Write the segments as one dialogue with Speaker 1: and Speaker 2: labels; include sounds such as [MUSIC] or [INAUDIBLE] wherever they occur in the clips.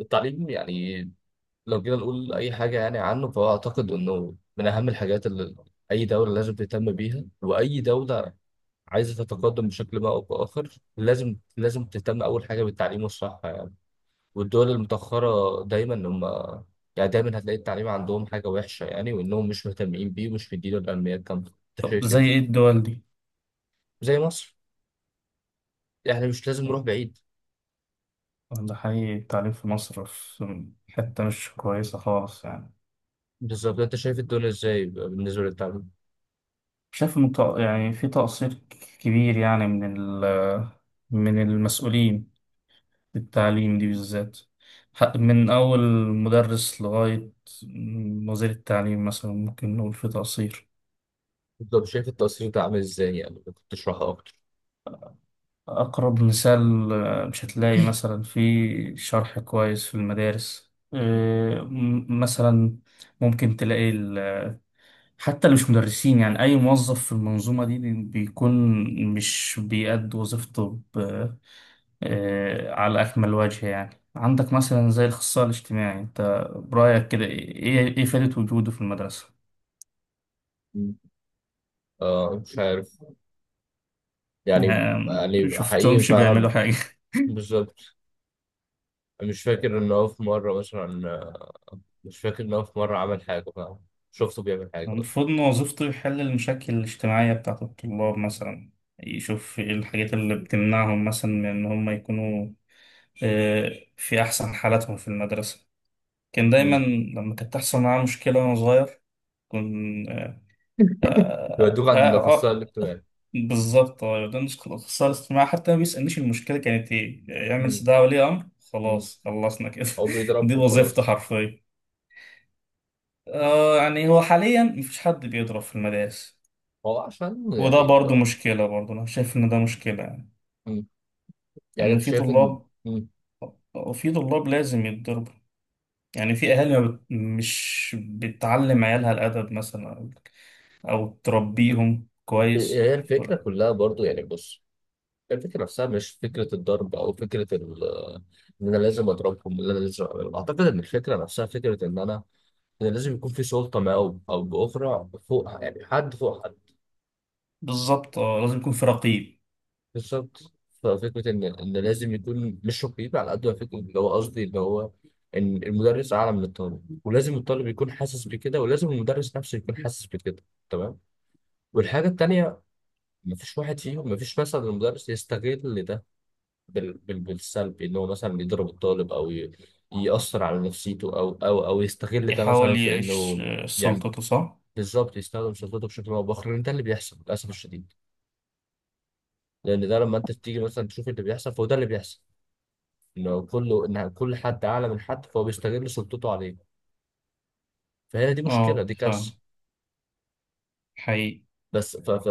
Speaker 1: التعليم، يعني لو جينا نقول أي حاجة يعني عنه، فهو أعتقد إنه من أهم الحاجات اللي أي دولة لازم تهتم بيها، وأي دولة عايزة تتقدم بشكل ما أو بآخر، لازم تهتم أول حاجة بالتعليم والصحة يعني. والدول المتأخرة دايما هم يعني دايما هتلاقي التعليم عندهم حاجة وحشة، يعني وإنهم مش مهتمين بيه، ومش مديله الأهمية الكاملة. أنت
Speaker 2: طب
Speaker 1: شايف
Speaker 2: زي
Speaker 1: إيه؟
Speaker 2: ايه الدول دي؟
Speaker 1: زي مصر، يعني مش لازم نروح بعيد.
Speaker 2: ده حقيقي التعليم في مصر في حتة مش كويسة خالص يعني.
Speaker 1: بالظبط، أنت شايف الدنيا إزاي بالنسبة للتعليم؟
Speaker 2: شايف إن يعني في تقصير كبير يعني من ال من المسؤولين في التعليم دي بالذات. من أول مدرس لغاية وزير التعليم مثلا ممكن نقول في تقصير.
Speaker 1: بالظبط، شايف التأثير ده عامل إزاي؟ يعني ممكن تشرحه أكتر؟
Speaker 2: أقرب مثال، مش هتلاقي مثلا في شرح كويس في المدارس، مثلا ممكن تلاقي حتى اللي مش مدرسين، يعني أي موظف في المنظومة دي بيكون مش بيأدي وظيفته على أكمل وجه. يعني عندك مثلا زي الأخصائي الاجتماعي، أنت برأيك كده إيه فائدة وجوده في المدرسة؟
Speaker 1: آه، مش عارف، يعني
Speaker 2: يعني
Speaker 1: يعني حقيقي
Speaker 2: شفتهمش بيعملوا
Speaker 1: فعلا.
Speaker 2: حاجة.
Speaker 1: بالظبط. مش فاكر ان هو في مرة مثلا، مش فاكر ان هو في مرة عمل حاجة فعلا، شفته بيعمل حاجة اصلا.
Speaker 2: المفروض إن وظيفته يحل المشاكل الاجتماعية بتاعت الطلاب مثلا، يشوف إيه الحاجات اللي بتمنعهم مثلا من إن هم يكونوا في أحسن حالاتهم في المدرسة. كان دايما
Speaker 1: مم.
Speaker 2: لما كانت تحصل معاه مشكلة وأنا صغير كنت. آه
Speaker 1: بيودوك
Speaker 2: آه
Speaker 1: عند الاخصائي
Speaker 2: آه،
Speaker 1: الاجتماعي.
Speaker 2: بالظبط، ده نسخة الاختصار الاجتماعي، حتى ما بيسألنيش المشكلة كانت إيه. يعمل
Speaker 1: مم.
Speaker 2: استدعاء ولي أمر.
Speaker 1: مم.
Speaker 2: خلاص خلصنا كده
Speaker 1: هو
Speaker 2: [LAUGHS]
Speaker 1: بيضربك
Speaker 2: دي وظيفته
Speaker 1: وخلاص.
Speaker 2: حرفيا. آه، يعني هو حاليا مفيش حد بيضرب في المدارس،
Speaker 1: هو عشان
Speaker 2: وده
Speaker 1: يعني انت.
Speaker 2: برضو مشكلة، برضو أنا شايف إن ده مشكلة يعني،
Speaker 1: مم. يعني
Speaker 2: إن
Speaker 1: انت شايف ان. مم.
Speaker 2: في طلاب لازم يتضربوا. يعني في أهالي ما بت... مش بتعلم عيالها الأدب مثلا، او تربيهم كويس.
Speaker 1: هي
Speaker 2: ف-
Speaker 1: الفكرة كلها برضو، يعني بص، الفكرة نفسها مش فكرة الضرب أو فكرة إن أنا لازم أضربهم، إن أنا لازم أعملهم، أعتقد إن الفكرة نفسها فكرة إن أنا، إن لازم يكون في سلطة ما أو بأخرى فوق، يعني حد فوق حد.
Speaker 2: بالظبط، اه، لازم يكون في رقيب.
Speaker 1: بالظبط. ففكرة إن لازم يكون مش رقيب على قد ما فكرة اللي هو، قصدي اللي هو إن المدرس أعلى من الطالب، ولازم الطالب يكون حاسس بكده، ولازم المدرس نفسه يكون حاسس بكده. تمام. والحاجة التانية، مفيش واحد فيهم، مفيش مثلا المدرس يستغل ده بالسلب، إن هو مثلا يضرب الطالب أو يأثر على نفسيته، أو أو يستغل ده مثلا
Speaker 2: يحاول
Speaker 1: في
Speaker 2: يعيش
Speaker 1: إنه. يعني
Speaker 2: سلطته، صح.
Speaker 1: بالظبط، يستخدم سلطته بشكل او باخر، لان ده اللي بيحصل للاسف الشديد. لان ده لما انت تيجي مثلا تشوف اللي بيحصل، فهو ده اللي بيحصل، انه كله، ان كل حد اعلى من حد فهو بيستغل سلطته عليه. فهنا دي مشكله،
Speaker 2: اه،
Speaker 1: دي كارثه.
Speaker 2: فاهم. حقيقي.
Speaker 1: بس ف ف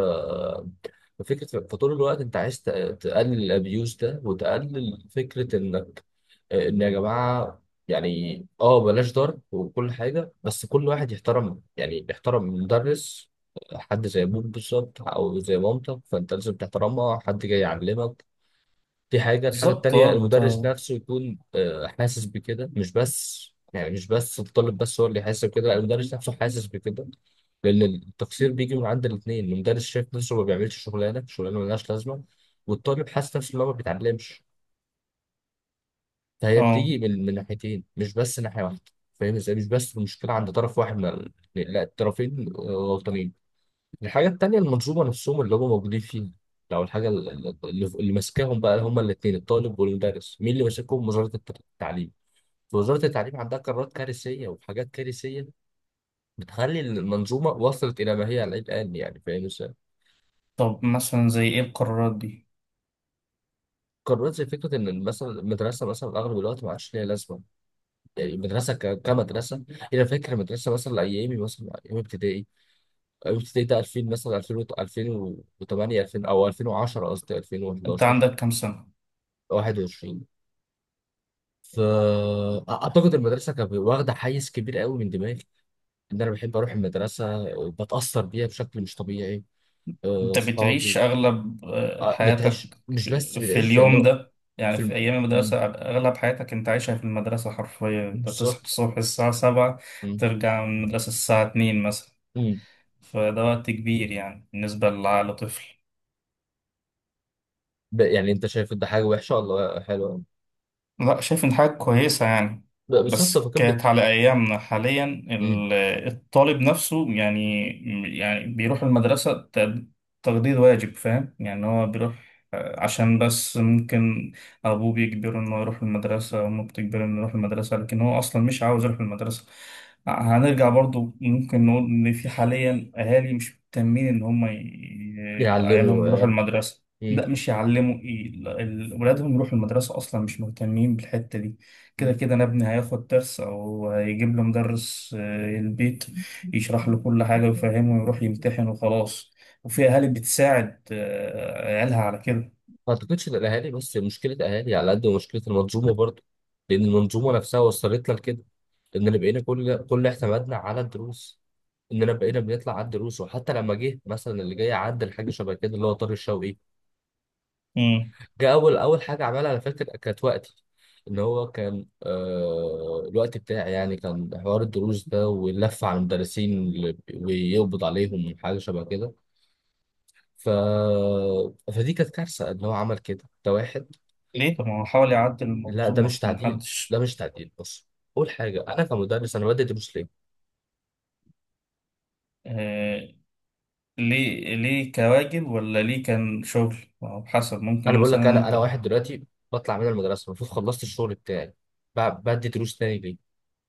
Speaker 1: ففكره، فطول الوقت انت عايز تقلل الابيوز ده، وتقلل فكره انك، ان يا جماعه يعني، بلاش ضرب وكل حاجه، بس كل واحد يحترم، يعني يحترم مدرس، حد زي ابوك بالظبط، او زي مامتك، فانت لازم تحترمها، حد جاي يعلمك. دي حاجه. الحاجه
Speaker 2: بالظبط،
Speaker 1: التانيه،
Speaker 2: اه، انت.
Speaker 1: المدرس نفسه يكون حاسس بكده، مش بس يعني، مش بس الطالب بس هو اللي يحس بكده، لا، المدرس نفسه حاسس بكده. لان التقصير بيجي من عند الاثنين، المدرس شايف نفسه ما بيعملش شغلانه، شغلانه ملهاش لازمه، والطالب حاسس نفسه ان هو ما بيتعلمش. فهي
Speaker 2: اه.
Speaker 1: بتيجي من ناحيتين، مش بس ناحية واحدة. فاهم ازاي؟ مش بس المشكلة عند طرف واحد من لا، الطرفين غلطانين. الحاجة التانية، المنظومة نفسهم اللي هم موجودين فيها، لو الحاجة اللي ماسكاهم بقى هما الاتنين، الطالب والمدرس، مين اللي ماسكهم؟ وزارة التعليم. وزارة التعليم عندها قرارات كارثية وحاجات كارثية بتخلي المنظومة وصلت إلى ما هي عليه الآن، يعني فاهم ازاي؟
Speaker 2: طب مثلا زي ايه القرارات دي؟
Speaker 1: قرارات زي فكرة إن مثلا المدرسة، مثلا أغلب الوقت ما عادش ليها لازمة. المدرسه كمدرسه، إيه، انا فاكر مدرسه مثلا ايامي، مثلا ايام ابتدائي، ايام ابتدائي ده 2000 مثلا، 2000، 2008، 2000 او 2010، قصدي
Speaker 2: انت
Speaker 1: 2011.
Speaker 2: عندك كام سنة؟
Speaker 1: 21. فاعتقد المدرسه كانت واخده حيز كبير قوي من دماغي، ان انا بحب اروح المدرسه، بتاثر بيها بشكل مش طبيعي،
Speaker 2: انت بتعيش
Speaker 1: صحابي،
Speaker 2: اغلب حياتك
Speaker 1: بتعيش، مش بس
Speaker 2: في
Speaker 1: بتعيش، يعني
Speaker 2: اليوم
Speaker 1: لو
Speaker 2: ده،
Speaker 1: في
Speaker 2: يعني في ايام
Speaker 1: مم،
Speaker 2: المدرسة اغلب حياتك انت عايشها في المدرسة حرفيا، انت بتصحى
Speaker 1: بالظبط،
Speaker 2: الصبح الساعة 7،
Speaker 1: مم،
Speaker 2: ترجع من المدرسة الساعة 2 مثلا،
Speaker 1: مم.
Speaker 2: فده وقت كبير يعني بالنسبة لعقل طفل.
Speaker 1: يعني انت شايف ده حاجه وحشه ولا حلوه؟
Speaker 2: لا، شايف إن حاجة كويسة يعني،
Speaker 1: بالظبط،
Speaker 2: بس
Speaker 1: فكانت
Speaker 2: كانت على أيامنا حاليا ال- الطالب نفسه يعني، يعني بيروح المدرسة تقضية واجب، فاهم يعني، هو بيروح عشان بس ممكن أبوه بيجبره إنه يروح المدرسة وأمه بتجبره إنه يروح المدرسة لكن هو أصلا مش عاوز يروح المدرسة. هنرجع برضو، ممكن نقول إن في حاليا أهالي مش مهتمين إن
Speaker 1: يعلموا
Speaker 2: عيالهم يروحوا
Speaker 1: عيال.
Speaker 2: المدرسة.
Speaker 1: مم.
Speaker 2: لا، مش يعلموا ايه ولادهم يروحوا المدرسة أصلا، مش مهتمين بالحتة دي. كده
Speaker 1: [LAUGHS]
Speaker 2: كده أنا ابني هياخد درس أو هيجيب له مدرس البيت، يشرح
Speaker 1: مم.
Speaker 2: له كل حاجة ويفهمه ويروح يمتحن وخلاص. وفي أهالي بتساعد عيالها على كده.
Speaker 1: ما اعتقدش ان الاهالي بس مشكله، اهالي على قد ما مشكله المنظومه برضه. لان المنظومه نفسها وصلت لنا لكده، اننا بقينا كل اعتمادنا على الدروس، اننا بقينا بنطلع على الدروس. وحتى لما جه مثلا اللي جاي عدل حاجه شبه كده، اللي هو طارق الشوقي،
Speaker 2: مم.
Speaker 1: جه اول حاجه عملها، انا فاكر كانت وقتي، ان هو كان آه الوقت بتاعي، يعني كان حوار الدروس ده واللف على المدرسين ويقبض عليهم وحاجه شبه كده. ف... فدي كانت كارثه ان هو عمل كده، ده واحد.
Speaker 2: ليه؟ طب ما هو حاول يعدل
Speaker 1: لا، ده
Speaker 2: المنظومة
Speaker 1: مش
Speaker 2: عشان
Speaker 1: تعديل، ده
Speaker 2: محدش.
Speaker 1: مش تعديل، بص، اول حاجه انا كمدرس، انا بدي دروس ليه؟
Speaker 2: آه، ليه كواجب ولا ليه كان شغل؟ ما هو حسب،
Speaker 1: انا
Speaker 2: ممكن
Speaker 1: بقول لك، انا
Speaker 2: مثلا
Speaker 1: انا واحد دلوقتي بطلع من المدرسه، المفروض خلصت الشغل بتاعي، بدي دروس تاني ليه؟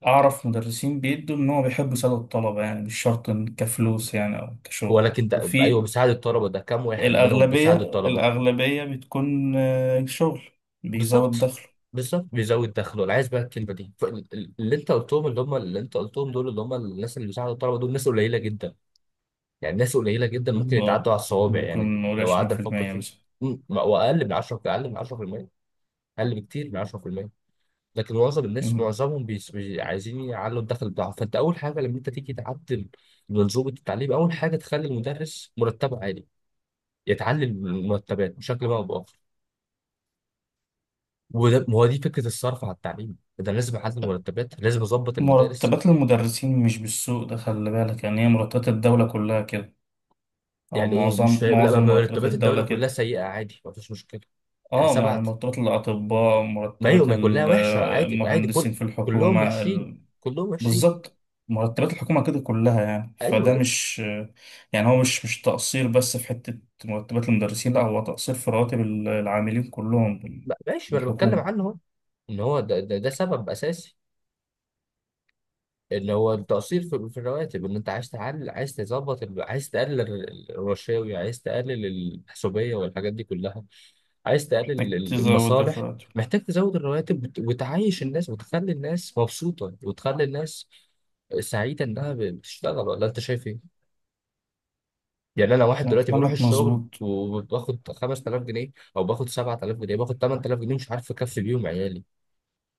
Speaker 2: أعرف مدرسين بيدوا إن هو بيحب يساعدوا الطلبة يعني، مش شرط إن كفلوس يعني أو كشغل،
Speaker 1: ولكن ده ايوه
Speaker 2: وفي
Speaker 1: بيساعد الطلبه، ده كام واحد منهم
Speaker 2: الأغلبية
Speaker 1: بيساعد الطلبه؟
Speaker 2: الأغلبية بتكون شغل، بيزود
Speaker 1: بالظبط.
Speaker 2: دخله.
Speaker 1: بالظبط، بيزود دخله، انا عايز بقى الكلمه دي، اللي انت قلتهم، اللي هم اللي انت قلتهم دول، اللي هم الناس اللي بيساعدوا الطلبه دول، ناس قليله جدا، يعني ناس قليله جدا ممكن
Speaker 2: اه،
Speaker 1: يتعدوا على الصوابع يعني.
Speaker 2: ممكن نقول
Speaker 1: لو
Speaker 2: عشرين
Speaker 1: قعدنا
Speaker 2: في
Speaker 1: نفكر
Speaker 2: المية
Speaker 1: فيه،
Speaker 2: مثلا.
Speaker 1: مم، واقل من 10، اقل من 10%، اقل بكتير من 10%. لكن معظم الناس،
Speaker 2: مم.
Speaker 1: معظمهم عايزين يعلوا الدخل بتاعهم. فانت اول حاجه لما انت تيجي تعدل منظومه التعليم، اول حاجه تخلي المدرس مرتبه عالي، يتعلل المرتبات بشكل ما او باخر. وده ما هو دي فكره الصرف على التعليم، ده أنا لازم اعدل المرتبات، لازم اظبط المدارس.
Speaker 2: مرتبات المدرسين مش بالسوق ده، خلي بالك، يعني هي مرتبات الدولة كلها كده، أو
Speaker 1: يعني ايه مش
Speaker 2: معظم
Speaker 1: فاهم؟ لا، ما
Speaker 2: معظم مرتبات
Speaker 1: مرتبات الدوله
Speaker 2: الدولة
Speaker 1: كلها
Speaker 2: كده.
Speaker 1: سيئه، عادي، ما فيش مشكله. يعني
Speaker 2: اه، يعني
Speaker 1: سبعة،
Speaker 2: مرتبات الأطباء،
Speaker 1: ما ايوه،
Speaker 2: مرتبات
Speaker 1: ما كلها وحشه عادي، عادي، كل،
Speaker 2: المهندسين في
Speaker 1: كلهم
Speaker 2: الحكومة.
Speaker 1: وحشين، كلهم وحشين.
Speaker 2: بالظبط، مرتبات الحكومة كده كلها، يعني
Speaker 1: ايوه،
Speaker 2: فده
Speaker 1: لا،
Speaker 2: مش، يعني هو مش تقصير بس في حتة مرتبات المدرسين، لا، هو تقصير في رواتب العاملين كلهم
Speaker 1: ما- ماشي، ما انا بتكلم
Speaker 2: بالحكومة.
Speaker 1: عنه اهو، ان هو ده سبب اساسي، ان هو التقصير في الرواتب، ان انت عايز تعلي، عايز تظبط عايز تقلل الرشاوي، عايز تقلل الحسوبيه والحاجات دي كلها، عايز تقلل
Speaker 2: محتاج تزود
Speaker 1: المصالح.
Speaker 2: الراتب.
Speaker 1: محتاج تزود الرواتب، وتعيش الناس، وتخلي الناس مبسوطه، وتخلي الناس سعيده انها بتشتغل، ولا انت شايف ايه؟ يعني انا واحد
Speaker 2: لا،
Speaker 1: دلوقتي بروح
Speaker 2: كلامك
Speaker 1: الشغل
Speaker 2: مظبوط.
Speaker 1: وباخد 5000 جنيه، او باخد 7000 جنيه، باخد 8000 جنيه، مش عارف اكفي بيهم عيالي،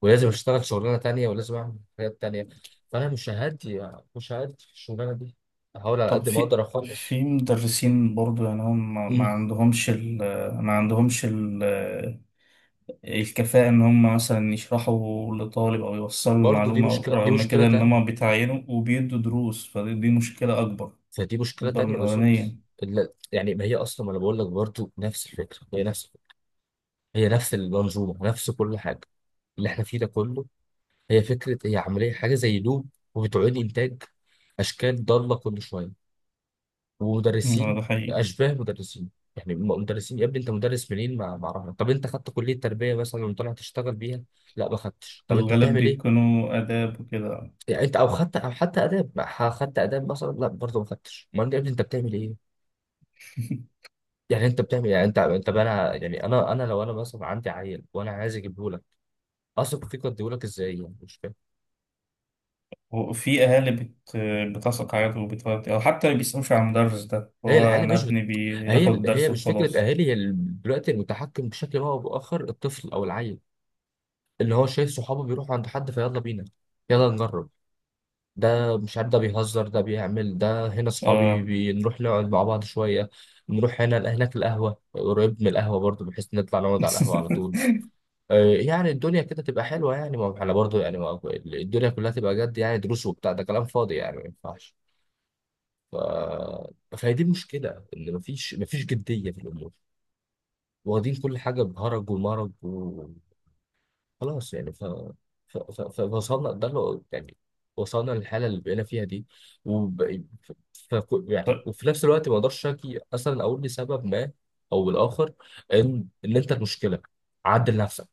Speaker 1: ولازم اشتغل شغلانه تانية، ولازم اعمل حاجات تانية. فانا مش هادي، مش هادي في الشغلانه دي، هحاول على
Speaker 2: طب
Speaker 1: قد ما
Speaker 2: في
Speaker 1: اقدر اخلص.
Speaker 2: في مدرسين برضو يعني هم ما
Speaker 1: امم
Speaker 2: عندهمش ال ما عندهمش ال الكفاءة إن هم مثلا يشرحوا لطالب أو يوصلوا
Speaker 1: برضه دي
Speaker 2: المعلومة،
Speaker 1: مشكله، دي
Speaker 2: رغم
Speaker 1: مشكله
Speaker 2: كده إن
Speaker 1: تانية،
Speaker 2: هم بيتعينوا وبيدوا دروس، فدي مشكلة أكبر،
Speaker 1: فدي مشكله
Speaker 2: أكبر من
Speaker 1: تانية بالظبط.
Speaker 2: الأولانية.
Speaker 1: يعني ما هي اصلا، ما انا بقول لك برضه نفس الفكره، هي نفس الفكرة. هي نفس المنظومه، نفس كل حاجه اللي احنا فيه ده كله. هي فكره، هي عمليه، حاجه زي لوب، وبتعيد انتاج اشكال ضاله كل شويه،
Speaker 2: لا، ده
Speaker 1: ومدرسين
Speaker 2: حقيقي.
Speaker 1: اشباه مدرسين. يعني مدرسين، يا ابني انت مدرس منين؟ ما اعرفها، طب انت خدت كليه تربيه مثلا وطلع تشتغل بيها؟ لا، ما خدتش. طب انت
Speaker 2: الغالب
Speaker 1: بتعمل ايه؟
Speaker 2: بيكونوا آداب وكده
Speaker 1: يعني انت او خدت، او حتى اداب، ما ح- خدت اداب مثلا؟ لا، برضه ما خدتش. امال يا ابني انت بتعمل ايه؟
Speaker 2: [LAUGHS]
Speaker 1: يعني انت بتعمل، يعني انت بقى انا، يعني انا لو انا مثلا عندي عيل وانا عايز اجيبه لك، اثق فيك واديه لك ازاي؟ يعني مش فاهم.
Speaker 2: وفي أهالي بتثق عادي وبتودي، أو حتى ما بيسألوش على المدرس ده،
Speaker 1: هي
Speaker 2: هو
Speaker 1: العيال
Speaker 2: أنا
Speaker 1: مش بت...
Speaker 2: ابني
Speaker 1: هي
Speaker 2: بياخد
Speaker 1: هي
Speaker 2: درس
Speaker 1: مش فكره
Speaker 2: وخلاص.
Speaker 1: اهالي، هي دلوقتي المتحكم بشكل ما او باخر الطفل او العيل، اللي هو شايف صحابه بيروحوا عند حد، فيلا بينا، يلا نجرب، ده مش عارف، ده بيهزر، ده بيعمل، ده هنا صحابي،
Speaker 2: آه
Speaker 1: بنروح نقعد مع بعض شوية، نروح هنا، هناك القهوة، قريب من القهوة برضو، بحيث نطلع نقعد على القهوة على طول.
Speaker 2: [LAUGHS]
Speaker 1: يعني الدنيا كده تبقى حلوة يعني، ما احنا برضو يعني، ما الدنيا كلها تبقى جد؟ يعني دروس وبتاع، ده كلام فاضي، يعني ما ينفعش. ف... فهي دي المشكلة، إن مفيش، جدية في الأمور، واخدين كل حاجة بهرج ومرج، خلاص يعني. فوصلنا ده اللي يعني، وصلنا للحاله اللي بقينا فيها دي. وب... ف... يعني وفي نفس الوقت ما اقدرش اشكي اصلا، اقول لسبب ما او الاخر ان ان انت المشكله، عدل نفسك،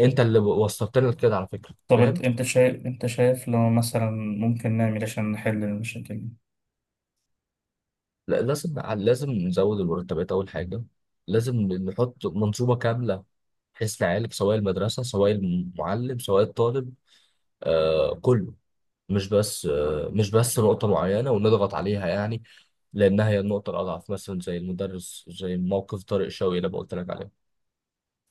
Speaker 1: انت اللي وصلتنا لكده على فكره،
Speaker 2: طب
Speaker 1: فاهم؟
Speaker 2: أنت شايف لو مثلا ممكن نعمل إيه عشان نحل المشاكل؟
Speaker 1: لا، لازم نزود المرتبات اول حاجه، لازم نحط منظومه كامله بحيث نعالج سواء المدرسه، سواء المعلم، سواء الطالب، كله. مش بس مش بس نقطة معينة ونضغط عليها يعني، لأنها هي النقطة الأضعف، مثلا زي المدرس، زي موقف طارق شوقي اللي أنا قلت لك عليه.